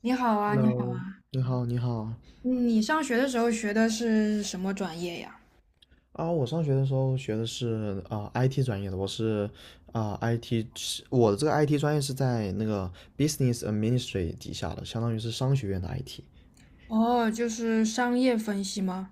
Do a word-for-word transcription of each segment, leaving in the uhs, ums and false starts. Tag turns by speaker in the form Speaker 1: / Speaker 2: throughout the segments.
Speaker 1: 你好啊，你好。
Speaker 2: Hello，你好，你好
Speaker 1: 嗯你上学的时候学的是什么专业呀？
Speaker 2: 啊！我上学的时候学的是啊、I T 专业的，我是啊、I T，是我的这个 I T 专业是在那个 Business a d m i n i s t r a 底下的，相当于是商学院的 I T。
Speaker 1: 哦，就是商业分析吗？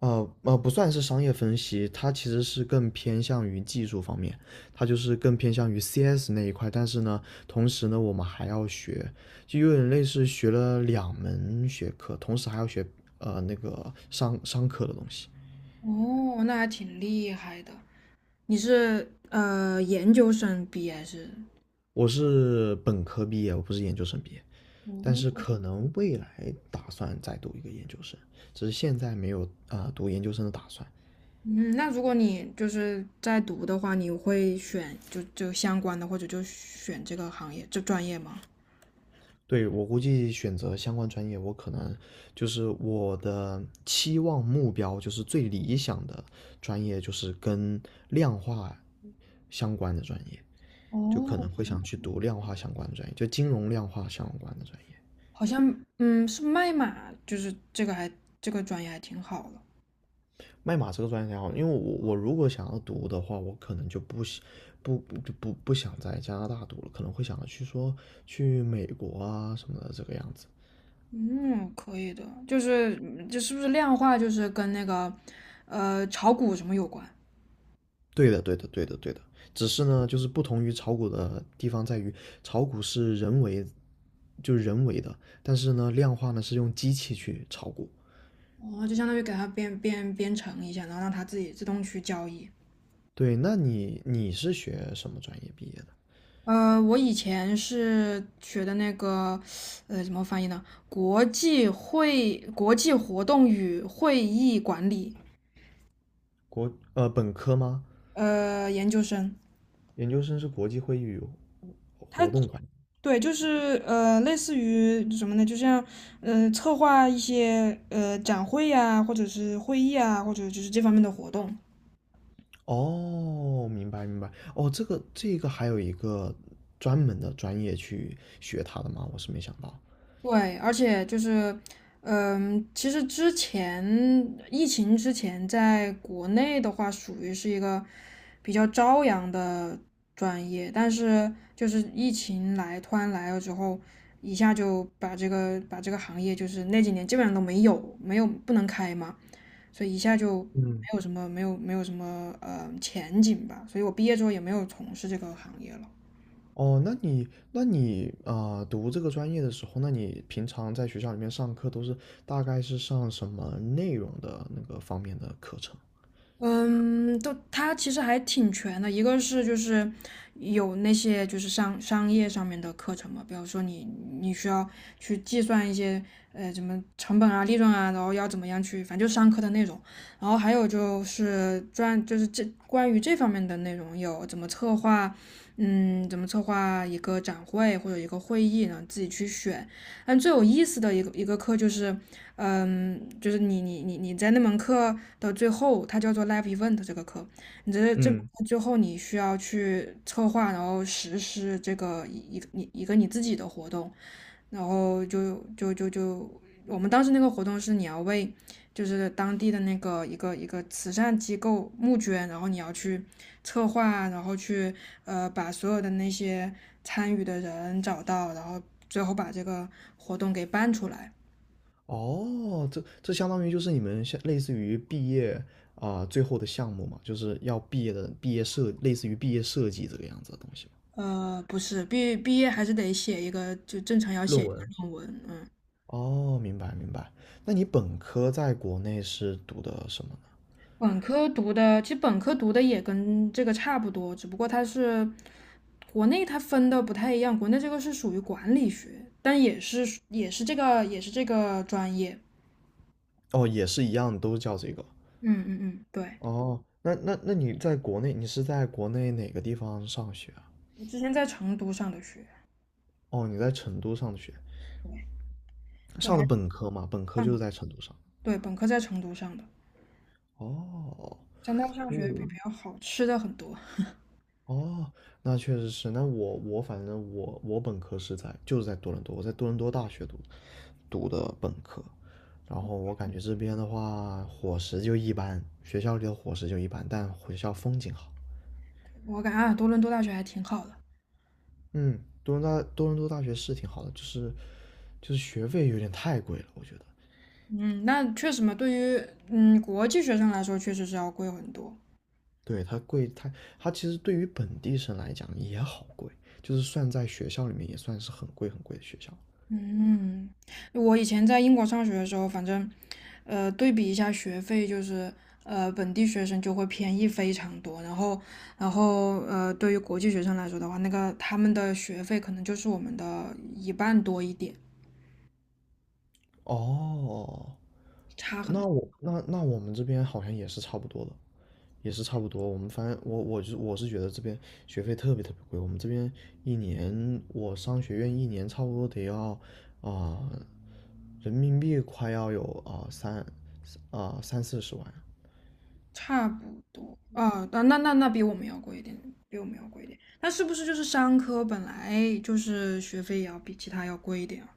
Speaker 2: 呃呃，不算是商业分析，它其实是更偏向于技术方面，它就是更偏向于 C S 那一块。但是呢，同时呢，我们还要学，就有点类似学了两门学科，同时还要学呃那个商商科的东西。
Speaker 1: 哦，那还挺厉害的。你是呃研究生毕业是？
Speaker 2: 我是本科毕业，我不是研究生毕业，但是
Speaker 1: 哦。
Speaker 2: 可能未来打算再读一个研究生，只是现在没有啊、呃读研究生的打算。
Speaker 1: 嗯，那如果你就是在读的话，你会选就就相关的，或者就选这个行业这专业吗？
Speaker 2: 对，我估计选择相关专业，我可能就是我的期望目标，就是最理想的专业就是跟量化相关的专业，就可能会
Speaker 1: 哦，
Speaker 2: 想去读量化相关的专业，就金融量化相关的专业。
Speaker 1: 好像嗯是麦马，就是这个还这个专业还挺好的。
Speaker 2: 卖马这个专业还好，因为我我如果想要读的话，我可能就不不不不不想在加拿大读了，可能会想着去说去美国啊什么的这个样子。
Speaker 1: 嗯，可以的，就是嗯这是不是量化，就是跟那个呃炒股什么有关？
Speaker 2: 对的，对的，对的，对的。只是呢，就是不同于炒股的地方在于，炒股是人为，就是人为的，但是呢，量化呢是用机器去炒股。
Speaker 1: 哦，就相当于给它编编编程一下，然后让它自己自动去交易。
Speaker 2: 对，那你你是学什么专业毕业的？
Speaker 1: 呃，我以前是学的那个呃怎么翻译呢？国际会国际活动与会议管理。
Speaker 2: 国呃本科吗？
Speaker 1: 呃，研究生。
Speaker 2: 研究生是国际会议与
Speaker 1: 它
Speaker 2: 活动管理。
Speaker 1: 对，就是呃，类似于什么呢？就像呃，策划一些呃展会呀、或者是会议啊，或者就是这方面的活动。
Speaker 2: 哦，明白明白。哦，这个这个还有一个专门的专业去学它的吗？我是没想到。
Speaker 1: 对，而且就是嗯、其实之前疫情之前，在国内的话，属于是一个比较朝阳的专业，但是就是疫情来突然来了之后，一下就把这个把这个行业就是那几年基本上都没有没有不能开嘛。所以一下就没
Speaker 2: 嗯。
Speaker 1: 有什么没有没有什么呃前景吧。所以我毕业之后也没有从事这个行业了。
Speaker 2: 哦，那你那你啊、呃读这个专业的时候，那你平常在学校里面上课都是大概是上什么内容的那个方面的课程？
Speaker 1: 嗯，都它其实还挺全的，一个是就是有那些就是商商业上面的课程嘛，比如说你你需要去计算一些呃什么成本啊、利润啊，然后要怎么样去，反正就商课的内容。然后还有就是专就是这关于这方面的内容有怎么策划。嗯，怎么策划一个展会或者一个会议呢？自己去选。但最有意思的一个一个课就是，嗯，就是你你你你在那门课的最后，它叫做 live event 这个课。你这这
Speaker 2: 嗯。
Speaker 1: 最后你需要去策划，然后实施这个一一个你一个你自己的活动，然后就就就就我们当时那个活动是你要为就是当地的那个一个一个慈善机构募捐，然后你要去策划，然后去呃把所有的那些参与的人找到，然后最后把这个活动给办出来。
Speaker 2: 哦，这这相当于就是你们像类似于毕业啊、最后的项目嘛，就是要毕业的毕业设，类似于毕业设计这个样子的东西嘛。
Speaker 1: 呃，不是。毕毕业还是得写一个，就正常要写
Speaker 2: 论
Speaker 1: 一个
Speaker 2: 文。
Speaker 1: 论文，嗯。
Speaker 2: 哦，明白明白。那你本科在国内是读的什么呢？
Speaker 1: 本科读的，其实本科读的也跟这个差不多，只不过它是国内它分的不太一样，国内这个是属于管理学，但也是也是这个也是这个专业。
Speaker 2: 哦，也是一样，都叫这个。
Speaker 1: 嗯嗯嗯，对。
Speaker 2: 哦，那那那你在国内，你是在国内哪个地方上学啊？
Speaker 1: 我之前在成都上的学，
Speaker 2: 哦，你在成都上的学，
Speaker 1: 对。就
Speaker 2: 上的
Speaker 1: 还
Speaker 2: 本科嘛，本科
Speaker 1: 上
Speaker 2: 就
Speaker 1: 的
Speaker 2: 是在成都上。
Speaker 1: 对本科在成都上的，
Speaker 2: 哦，
Speaker 1: 在那儿上学比
Speaker 2: 哦，
Speaker 1: 比较好，吃的很多。
Speaker 2: 哦，那确实是。那我我反正我我本科是在就是在多伦多，我在多伦多大学读读的本科，然后我感觉这边的话伙食就一般，学校里的伙食就一般，但学校风景好。
Speaker 1: 我感觉啊，多伦多大学还挺好的。
Speaker 2: 嗯，多伦多多伦多大学是挺好的，就是就是学费有点太贵了，我觉得。
Speaker 1: 嗯，那确实嘛，对于嗯国际学生来说，确实是要贵很多。
Speaker 2: 对，它贵，它它其实对于本地生来讲也好贵，就是算在学校里面也算是很贵很贵的学校。
Speaker 1: 嗯，我以前在英国上学的时候，反正，呃，对比一下学费，就是呃，本地学生就会便宜非常多，然后，然后呃，对于国际学生来说的话，那个他们的学费可能就是我们的一半多一点，
Speaker 2: 哦，
Speaker 1: 差很
Speaker 2: 那我那那我们这边好像也是差不多的，也是差不多。我们反正我我就我是觉得这边学费特别特别贵，我们这边一年我商学院一年差不多得要啊、人民币快要有啊、三啊、三四十万。
Speaker 1: 差不多啊。那那那那比我们要贵一点，比我们要贵一点。那是不是就是商科本来就是学费也要比其他要贵一点啊？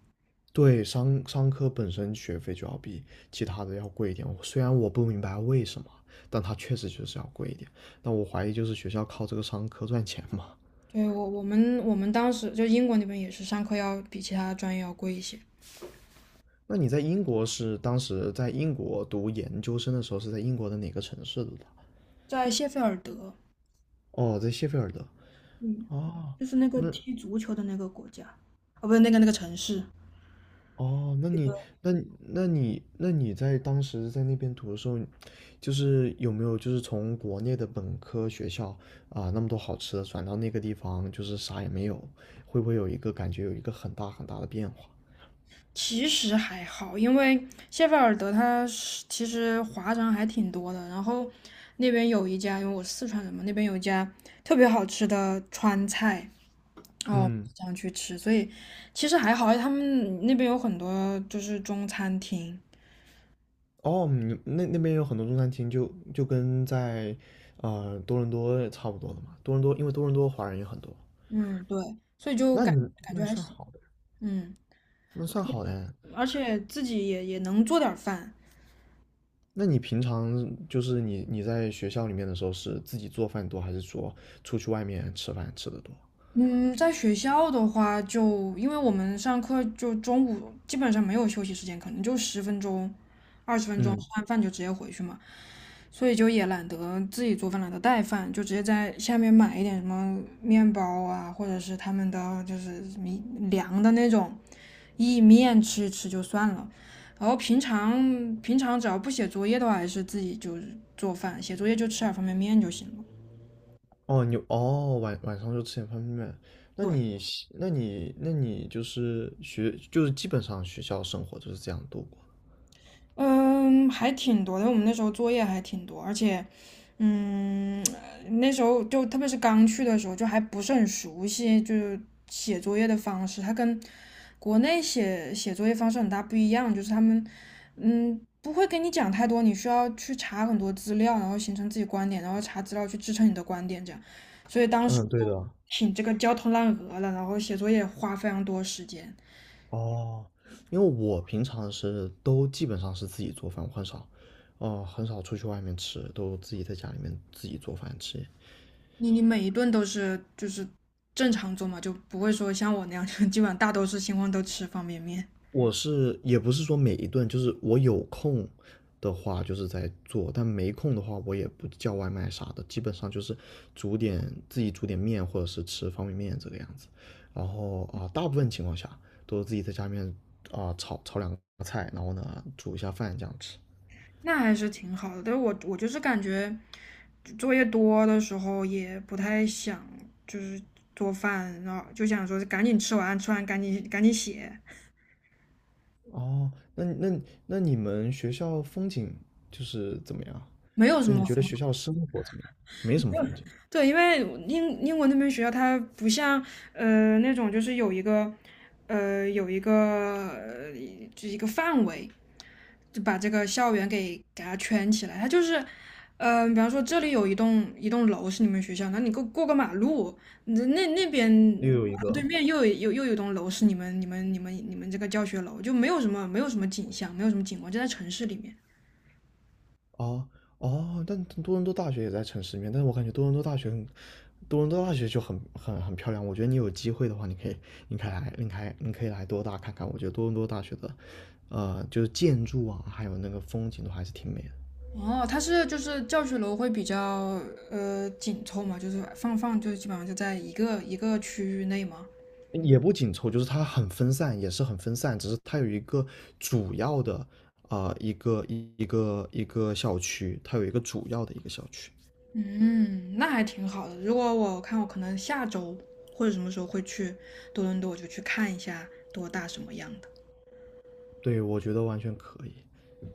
Speaker 2: 对，商商科本身学费就要比其他的要贵一点，虽然我不明白为什么，但它确实就是要贵一点。但我怀疑就是学校靠这个商科赚钱嘛。
Speaker 1: 对，我我们我们当时就英国那边也是上课要比其他专业要贵一些。
Speaker 2: 那你在英国是当时在英国读研究生的时候是在英国的哪个城市读的？
Speaker 1: 在谢菲尔德。
Speaker 2: 哦，在谢菲尔德。
Speaker 1: 嗯，
Speaker 2: 哦，
Speaker 1: 就是那个
Speaker 2: 那
Speaker 1: 踢足球的那个国家。哦，不是那个那个城市。
Speaker 2: 哦，那你那你那你那你在当时在那边读的时候，就是有没有就是从国内的本科学校啊，那么多好吃的转到那个地方，就是啥也没有，会不会有一个感觉有一个很大很大的变化？
Speaker 1: 其实还好，因为谢菲尔德它是其实华人还挺多的。然后那边有一家，因为我是四川人嘛，那边有一家特别好吃的川菜。哦，
Speaker 2: 嗯。
Speaker 1: 想去吃。所以其实还好，他们那边有很多就是中餐厅。
Speaker 2: 哦，你那那边有很多中餐厅就，就跟在呃多伦多差不多的嘛。多伦多因为多伦多华人也很多，
Speaker 1: 嗯，对，所以就
Speaker 2: 那
Speaker 1: 感
Speaker 2: 你
Speaker 1: 感
Speaker 2: 那
Speaker 1: 觉还
Speaker 2: 算
Speaker 1: 行。
Speaker 2: 好的，
Speaker 1: 嗯，
Speaker 2: 那算好的。
Speaker 1: 而且自己也也能做点儿饭。
Speaker 2: 那你平常就是你你在学校里面的时候是自己做饭多，还是说出去外面吃饭吃的多？
Speaker 1: 嗯，在学校的话就，因为我们上课就中午基本上没有休息时间，可能就十分钟、二十分钟，吃
Speaker 2: 嗯，
Speaker 1: 完饭就直接回去嘛，所以就也懒得自己做饭，懒得带饭，就直接在下面买一点什么面包啊，或者是他们的就是米凉的那种意面吃一吃就算了。然后平常平常只要不写作业的话，还是自己就是做饭，写作业就吃点方便面就行了。
Speaker 2: 哦，你哦晚晚上就吃点方便面。那
Speaker 1: 对。
Speaker 2: 你喜那你那你就是学就是基本上学校生活就是这样度过。
Speaker 1: 嗯，还挺多的。我们那时候作业还挺多，而且，嗯，那时候就特别是刚去的时候，就还不是很熟悉，就是写作业的方式，它跟国内写写作业方式很大不一样。就是他们，嗯，不会跟你讲太多，你需要去查很多资料，然后形成自己观点，然后查资料去支撑你的观点，这样。所以当时
Speaker 2: 嗯，对的。
Speaker 1: 挺这个焦头烂额的，然后写作业花非常多时间。
Speaker 2: 哦，因为我平常是都基本上是自己做饭，我很少，哦、很少出去外面吃，都自己在家里面自己做饭吃。
Speaker 1: 你你每一顿都是就是正常做嘛，就不会说像我那样，就基本上大多是情况都吃方便面。
Speaker 2: 我是也不是说每一顿，就是我有空的话就是在做，但没空的话我也不叫外卖啥的，基本上就是煮点自己煮点面或者是吃方便面这个样子。然后啊、大部分情况下都是自己在家里面啊、炒炒两个菜，然后呢煮一下饭这样吃。
Speaker 1: 那还是挺好的。但是我我就是感觉作业多的时候也不太想就是做饭，然后就想说赶紧吃完，吃完赶紧赶紧写。
Speaker 2: 哦，那那那你们学校风景就是怎么样？
Speaker 1: 没有什
Speaker 2: 就你
Speaker 1: 么
Speaker 2: 觉得
Speaker 1: 方法。
Speaker 2: 学校生活怎么样？没什么风景，
Speaker 1: 对，因为英英国那边学校它不像呃那种就是有一个呃有一个呃就是一个范围，就把这个校园给给它圈起来。它就是，嗯，比方说这里有一栋一栋楼是你们学校，那你过过个马路，那那那边
Speaker 2: 又有一
Speaker 1: 马路对
Speaker 2: 个
Speaker 1: 面又有又又有一栋楼是你们你们你们你们这个教学楼，就没有什么没有什么景象，没有什么景观，就在城市里面。
Speaker 2: 哦哦，但多伦多大学也在城市里面，但是我感觉多伦多大学很，多伦多大学就很很很漂亮。我觉得你有机会的话，你可以你可以来，你可以你可以来多大看看。我觉得多伦多大学的，呃，就是建筑啊，还有那个风景都还是挺美的。
Speaker 1: 哦，它是就是教学楼会比较呃紧凑嘛，就是放放就基本上就在一个一个区域内嘛。
Speaker 2: 也不紧凑，就是它很分散，也是很分散，只是它有一个主要的啊、呃一个一一个一个校区，它有一个主要的一个校区。
Speaker 1: 嗯，那还挺好的。如果我看我可能下周或者什么时候会去多伦多，我就去看一下多大什么样的。
Speaker 2: 对，我觉得完全可以。